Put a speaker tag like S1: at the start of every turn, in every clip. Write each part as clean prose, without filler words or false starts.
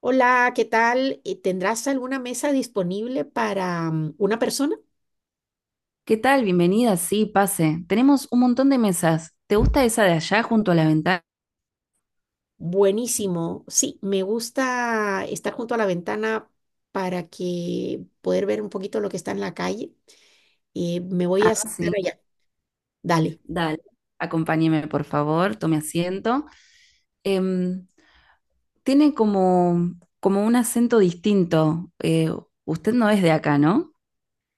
S1: Hola, ¿qué tal? ¿Tendrás alguna mesa disponible para una persona?
S2: ¿Qué tal? Bienvenida. Sí, pase. Tenemos un montón de mesas. ¿Te gusta esa de allá junto a la ventana?
S1: Buenísimo. Sí, me gusta estar junto a la ventana para que poder ver un poquito lo que está en la calle. Me voy a
S2: Ah,
S1: sentar
S2: sí.
S1: allá. Dale.
S2: Dale. Acompáñeme, por favor. Tome asiento. Em, Tiene como un acento distinto. Usted no es de acá, ¿no?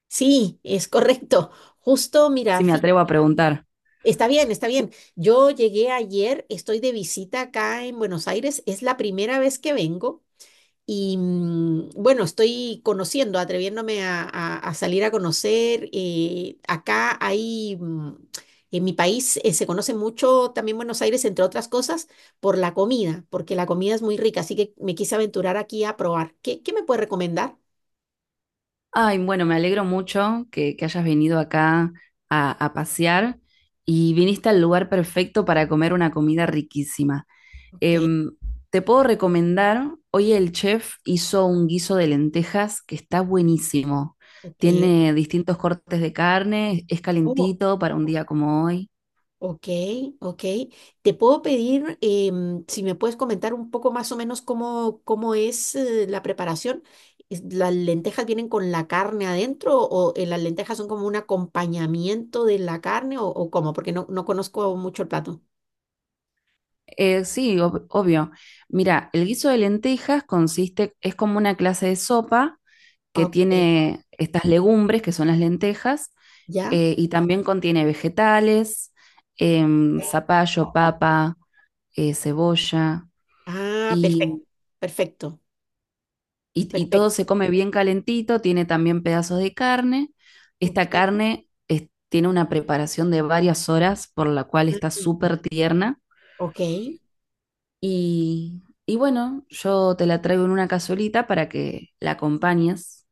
S1: Sí, es correcto. Justo, mira,
S2: Si me atrevo a preguntar.
S1: está bien, está bien. Yo llegué ayer, estoy de visita acá en Buenos Aires, es la primera vez que vengo. Y bueno, estoy conociendo, atreviéndome a salir a conocer. Acá en mi país, se conoce mucho también Buenos Aires, entre otras cosas, por la comida, porque la comida es muy rica, así que me quise aventurar aquí a probar. ¿Qué me puede recomendar?
S2: Ay, bueno, me alegro mucho que hayas venido acá a pasear y viniste al lugar perfecto para comer una comida riquísima.
S1: Ok,
S2: Em, Te puedo recomendar, hoy el chef hizo un guiso de lentejas que está buenísimo.
S1: ok.
S2: Tiene distintos cortes de carne, es calentito para un día como hoy.
S1: Ok, ok. Te puedo pedir si me puedes comentar un poco más o menos cómo es la preparación. ¿Las lentejas vienen con la carne adentro o las lentejas son como un acompañamiento de la carne o cómo? Porque no conozco mucho el plato.
S2: Sí, obvio. Mira, el guiso de lentejas consiste, es como una clase de sopa que
S1: Ok,
S2: tiene estas legumbres, que son las lentejas,
S1: ¿ya?
S2: y también contiene vegetales, zapallo, papa, cebolla.
S1: Ah, perfecto,
S2: Y
S1: perfecto,
S2: y todo
S1: perfecto.
S2: se come bien calentito, tiene también pedazos de carne.
S1: Ok,
S2: Esta carne es- tiene una preparación de varias horas, por la cual está
S1: ah,
S2: súper tierna.
S1: ok,
S2: Y bueno, yo te la traigo en una cazuelita para que la acompañes.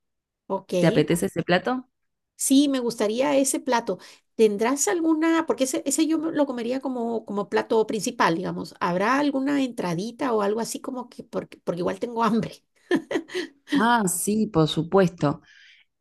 S1: ok.
S2: ¿Te apetece ese plato?
S1: Sí, me gustaría ese plato. ¿Tendrás alguna, porque ese lo comería como, como plato principal, digamos. ¿Habrá alguna entradita o algo así como que, porque, porque igual tengo hambre?
S2: Ah, sí, por supuesto.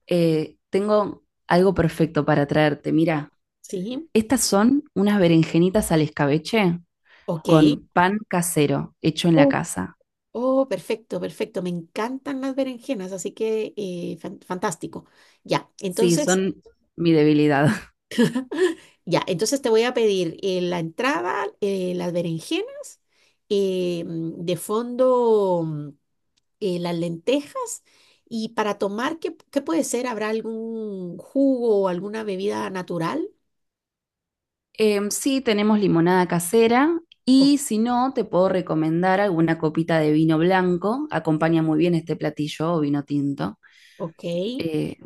S2: Tengo algo perfecto para traerte. Mira,
S1: Sí,
S2: estas son unas berenjenitas al escabeche
S1: ok.
S2: con pan casero hecho en la
S1: Oh,
S2: casa.
S1: oh, perfecto, perfecto. Me encantan las berenjenas, así que fantástico. Ya,
S2: Sí,
S1: entonces,
S2: son mi debilidad.
S1: ya, entonces te voy a pedir la entrada, las berenjenas, de fondo. Las lentejas. Y para tomar, ¿qué puede ser? ¿Habrá algún jugo o alguna bebida natural?
S2: Sí, tenemos limonada casera
S1: O-
S2: y si no, te puedo recomendar alguna copita de vino blanco. Acompaña muy bien este platillo o vino tinto,
S1: ok.
S2: eh,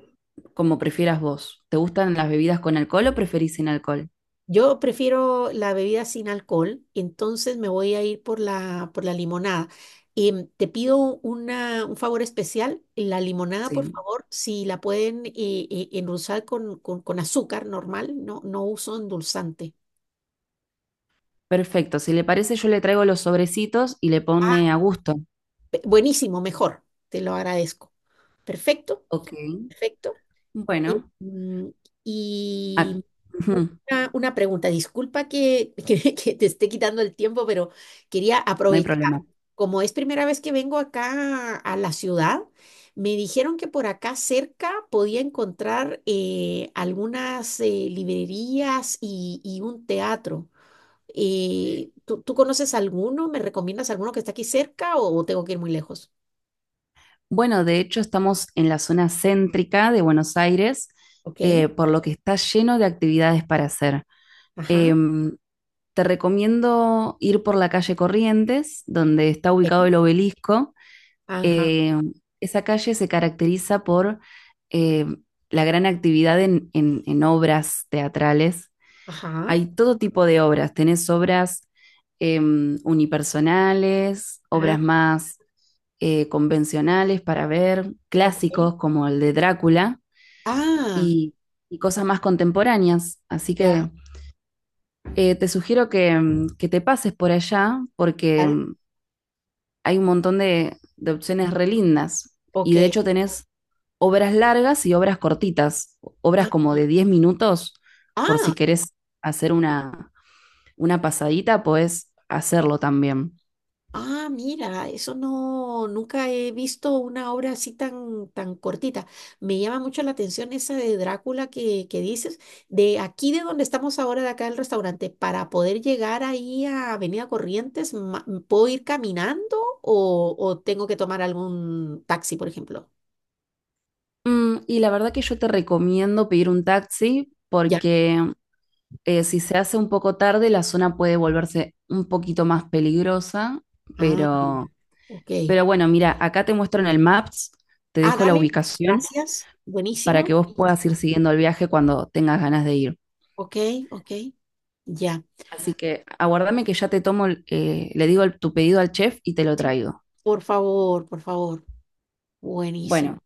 S2: como prefieras vos. ¿Te gustan las bebidas con alcohol o preferís sin alcohol?
S1: Yo prefiero la bebida sin alcohol, entonces me voy a ir por la limonada. Te pido un favor especial, la limonada, por
S2: Sí.
S1: favor, si la pueden endulzar con azúcar normal, no uso endulzante.
S2: Perfecto. Si le parece, yo le traigo los sobrecitos y le
S1: Ah,
S2: pone a gusto.
S1: buenísimo, mejor, te lo agradezco. Perfecto,
S2: Ok.
S1: perfecto. Eh,
S2: Bueno.
S1: mm,
S2: ac-
S1: Y
S2: Ujú.
S1: una pregunta, disculpa que, que te esté quitando el tiempo, pero quería
S2: No hay problema.
S1: aprovechar. Como es primera vez que vengo acá a la ciudad, me dijeron que por acá cerca podía encontrar algunas librerías y un teatro. ¿Tú conoces alguno? ¿Me recomiendas alguno que está aquí cerca o tengo que ir muy lejos?
S2: Bueno, de hecho, estamos en la zona céntrica de Buenos Aires,
S1: Ok,
S2: por lo que está lleno de actividades para hacer.
S1: ajá,
S2: Em, Te recomiendo ir por la calle Corrientes, donde está
S1: ok,
S2: ubicado el obelisco.
S1: ajá,
S2: Eh, Esa calle se caracteriza por eh, la gran actividad en obras teatrales.
S1: ajá,
S2: Hay todo tipo de obras. Tenés obras unipersonales,
S1: ajá,
S2: obras más convencionales para ver,
S1: ok.
S2: clásicos como el de Drácula
S1: Ah,
S2: y, y cosas más contemporáneas. Así
S1: ya,
S2: que te sugiero que te pases por allá porque
S1: vale,
S2: hay un montón de opciones re lindas. Y
S1: ok.
S2: de hecho tenés obras largas y obras cortitas, obras
S1: Ah,
S2: como de 10 minutos, por
S1: ah,
S2: si querés hacer una pasadita, podés hacerlo también.
S1: ah, mira, eso no, nunca he visto una obra así tan, tan cortita. Me llama mucho la atención esa de Drácula que dices. De aquí de donde estamos ahora, de acá del restaurante, para poder llegar ahí a Avenida Corrientes, ¿puedo ir caminando o tengo que tomar algún taxi, por ejemplo?
S2: Y la verdad que yo te recomiendo pedir un taxi
S1: Ya.
S2: porque si se hace un poco tarde, la zona puede volverse un poquito más peligrosa,
S1: Ah,
S2: pero.
S1: ok.
S2: Pero bueno, mira, acá te muestro en el Maps, te
S1: Ah,
S2: dejo la
S1: dale,
S2: ubicación
S1: gracias.
S2: para
S1: Buenísimo.
S2: que vos puedas ir siguiendo el viaje cuando tengas ganas de ir.
S1: Ok, ok, ya.
S2: Así que aguardame que ya te tomo, le digo tu pedido al chef y te lo traigo.
S1: Por favor, por favor. Buenísimo.
S2: Bueno,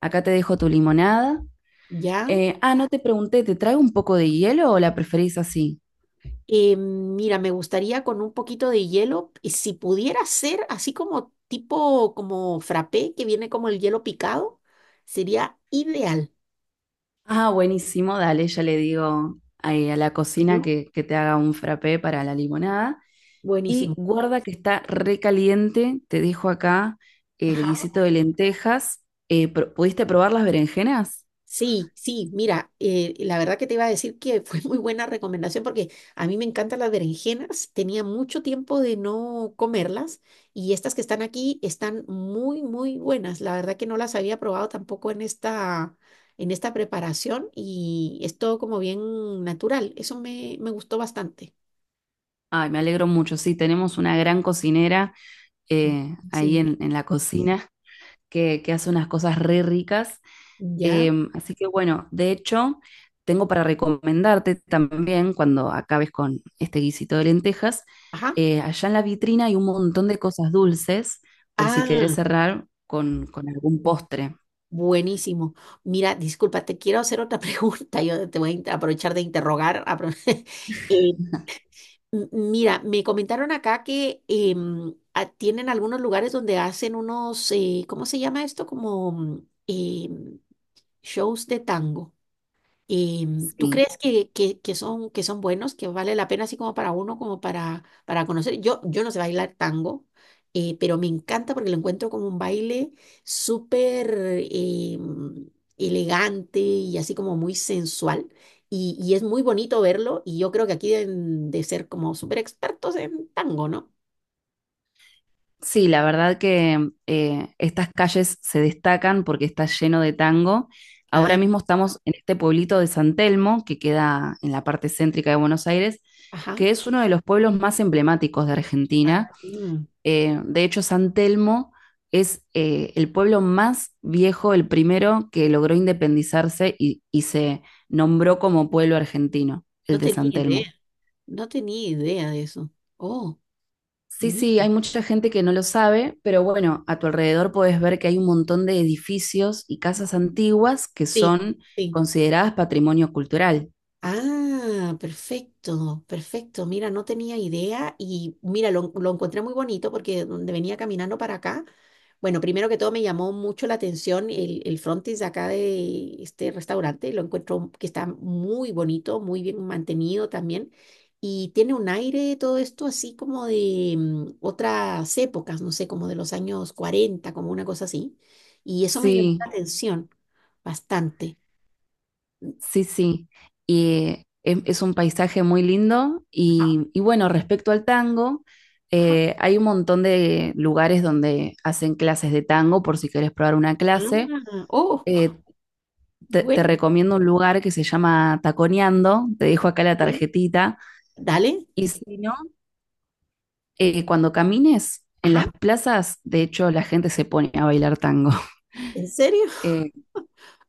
S2: acá te dejo tu limonada.
S1: Ya.
S2: No te pregunté, ¿te traigo un poco de hielo o la preferís así?
S1: Mira, me gustaría con un poquito de hielo, y si pudiera ser así como tipo como frappé, que viene como el hielo picado, sería ideal.
S2: Ah, buenísimo, dale, ya le digo ahí a la cocina
S1: Bueno.
S2: que te haga un frappé para la limonada. Y
S1: Buenísimo.
S2: guarda que está recaliente, te dejo acá el
S1: Ajá.
S2: guisito de lentejas. ¿Pudiste probar las berenjenas?
S1: Sí, sí, mira, la verdad que te iba a decir que fue muy buena recomendación porque a mí me encantan las berenjenas, tenía mucho tiempo de no comerlas y estas que están aquí están muy, muy buenas. La verdad que no las había probado tampoco en esta, en esta preparación y es todo como bien natural. Eso me gustó bastante.
S2: Ay, me alegro mucho, sí, tenemos una gran cocinera ahí
S1: Buenísimo.
S2: en la cocina que hace unas cosas re ricas.
S1: ¿Ya?
S2: Así que bueno, de hecho, tengo para recomendarte también cuando acabes con este guisito de lentejas,
S1: Ajá.
S2: allá en la vitrina hay un montón de cosas dulces por si querés
S1: Ah,
S2: cerrar con algún postre.
S1: buenísimo. Mira, disculpa, te quiero hacer otra pregunta. Yo te voy a aprovechar de interrogar. Eh, mira, me comentaron acá que tienen algunos lugares donde hacen unos, ¿cómo se llama esto? Como shows de tango. ¿Tú
S2: Sí.
S1: crees que son, que son buenos, que vale la pena así como para uno, como para conocer? Yo no sé bailar tango, pero me encanta porque lo encuentro como un baile súper em, elegante y así como muy sensual. Y es muy bonito verlo y yo creo que aquí deben de ser como súper expertos en tango, ¿no?
S2: Sí, la verdad que estas calles se destacan porque está lleno de tango. Ahora
S1: Ah,
S2: mismo estamos en este pueblito de San Telmo, que queda en la parte céntrica de Buenos Aires,
S1: ajá.
S2: que es uno de los pueblos más emblemáticos de Argentina.
S1: Mm,
S2: De hecho, San Telmo es el pueblo más viejo, el primero que logró independizarse y se nombró como pueblo argentino, el
S1: no
S2: de
S1: tenía
S2: San
S1: idea,
S2: Telmo.
S1: no tenía idea de eso. Oh,
S2: Sí,
S1: mira.
S2: sí, hay mucha gente que no lo sabe, pero bueno, a tu alrededor puedes ver que hay un montón de edificios y casas antiguas que
S1: Sí,
S2: son
S1: sí.
S2: consideradas patrimonio cultural.
S1: Ah, perfecto, perfecto. Mira, no tenía idea y mira, lo encontré muy bonito porque donde venía caminando para acá, bueno, primero que todo me llamó mucho la atención el frontis de acá de este restaurante, lo encuentro que está muy bonito, muy bien mantenido también y tiene un aire todo esto así como de otras épocas, no sé, como de los años 40, como una cosa así. Y eso me llamó la
S2: Sí,
S1: atención bastante.
S2: sí, sí. Y es un paisaje muy lindo.
S1: Ajá,
S2: Y bueno, respecto al tango,
S1: ajá.
S2: hay un montón de lugares donde hacen clases de tango por si quieres probar una clase.
S1: Ah, oh,
S2: Eh, te
S1: bueno,
S2: recomiendo un lugar que se llama Taconeando, te dejo acá la
S1: ¿eh?
S2: tarjetita.
S1: Dale,
S2: Y si no... cuando camines en las
S1: ajá,
S2: plazas, de hecho, la gente se pone a bailar tango.
S1: ¿en serio?
S2: Eh,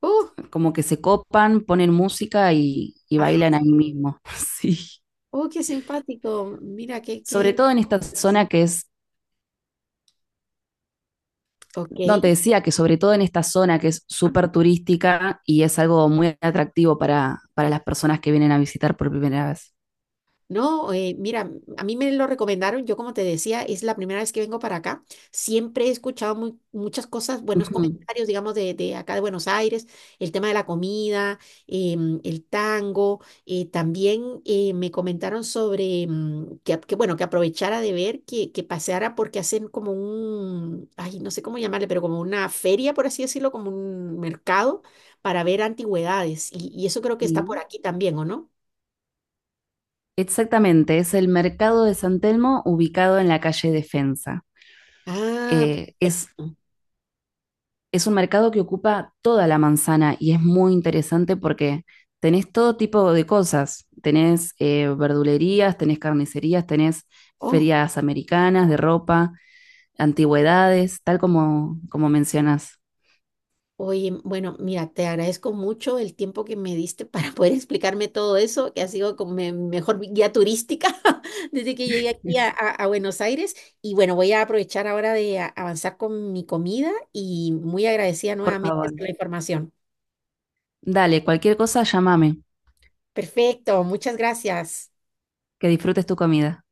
S1: Oh,
S2: Como que se copan, ponen música y
S1: ajá,
S2: bailan ahí mismo. Sí.
S1: oh, qué simpático, mira, qué,
S2: Sobre
S1: qué,
S2: todo en esta zona que es
S1: ok,
S2: no, te decía que sobre todo en esta zona que es súper turística y es algo muy atractivo para las personas que vienen a visitar por primera vez.
S1: no, mira, a mí me lo recomendaron, yo como te decía, es la primera vez que vengo para acá. Siempre he escuchado muchas cosas, buenos
S2: Ujú,
S1: comentarios, digamos, de acá de Buenos Aires, el tema de la comida, el tango. También me comentaron sobre que, bueno, que aprovechara de ver, que paseara porque hacen como un, ay, no sé cómo llamarle, pero como una feria, por así decirlo, como un mercado para ver antigüedades. Y eso creo que está por
S2: sí.
S1: aquí también, ¿o no?
S2: Exactamente, es el mercado de San Telmo ubicado en la calle Defensa.
S1: Ah,
S2: Eh, es
S1: perfecto.
S2: es un mercado que ocupa toda la manzana y es muy interesante porque tenés todo tipo de cosas. Tenés verdulerías, tenés carnicerías, tenés
S1: Oh,
S2: ferias americanas de ropa, antigüedades, tal como, como mencionas.
S1: oye, bueno, mira, te agradezco mucho el tiempo que me diste para poder explicarme todo eso, que ha sido como mi mejor guía turística desde que llegué aquí a Buenos Aires. Y bueno, voy a aprovechar ahora de avanzar con mi comida y muy agradecida
S2: Por
S1: nuevamente
S2: favor.
S1: por la información.
S2: Dale, cualquier cosa, llámame.
S1: Perfecto, muchas gracias.
S2: Que disfrutes tu comida.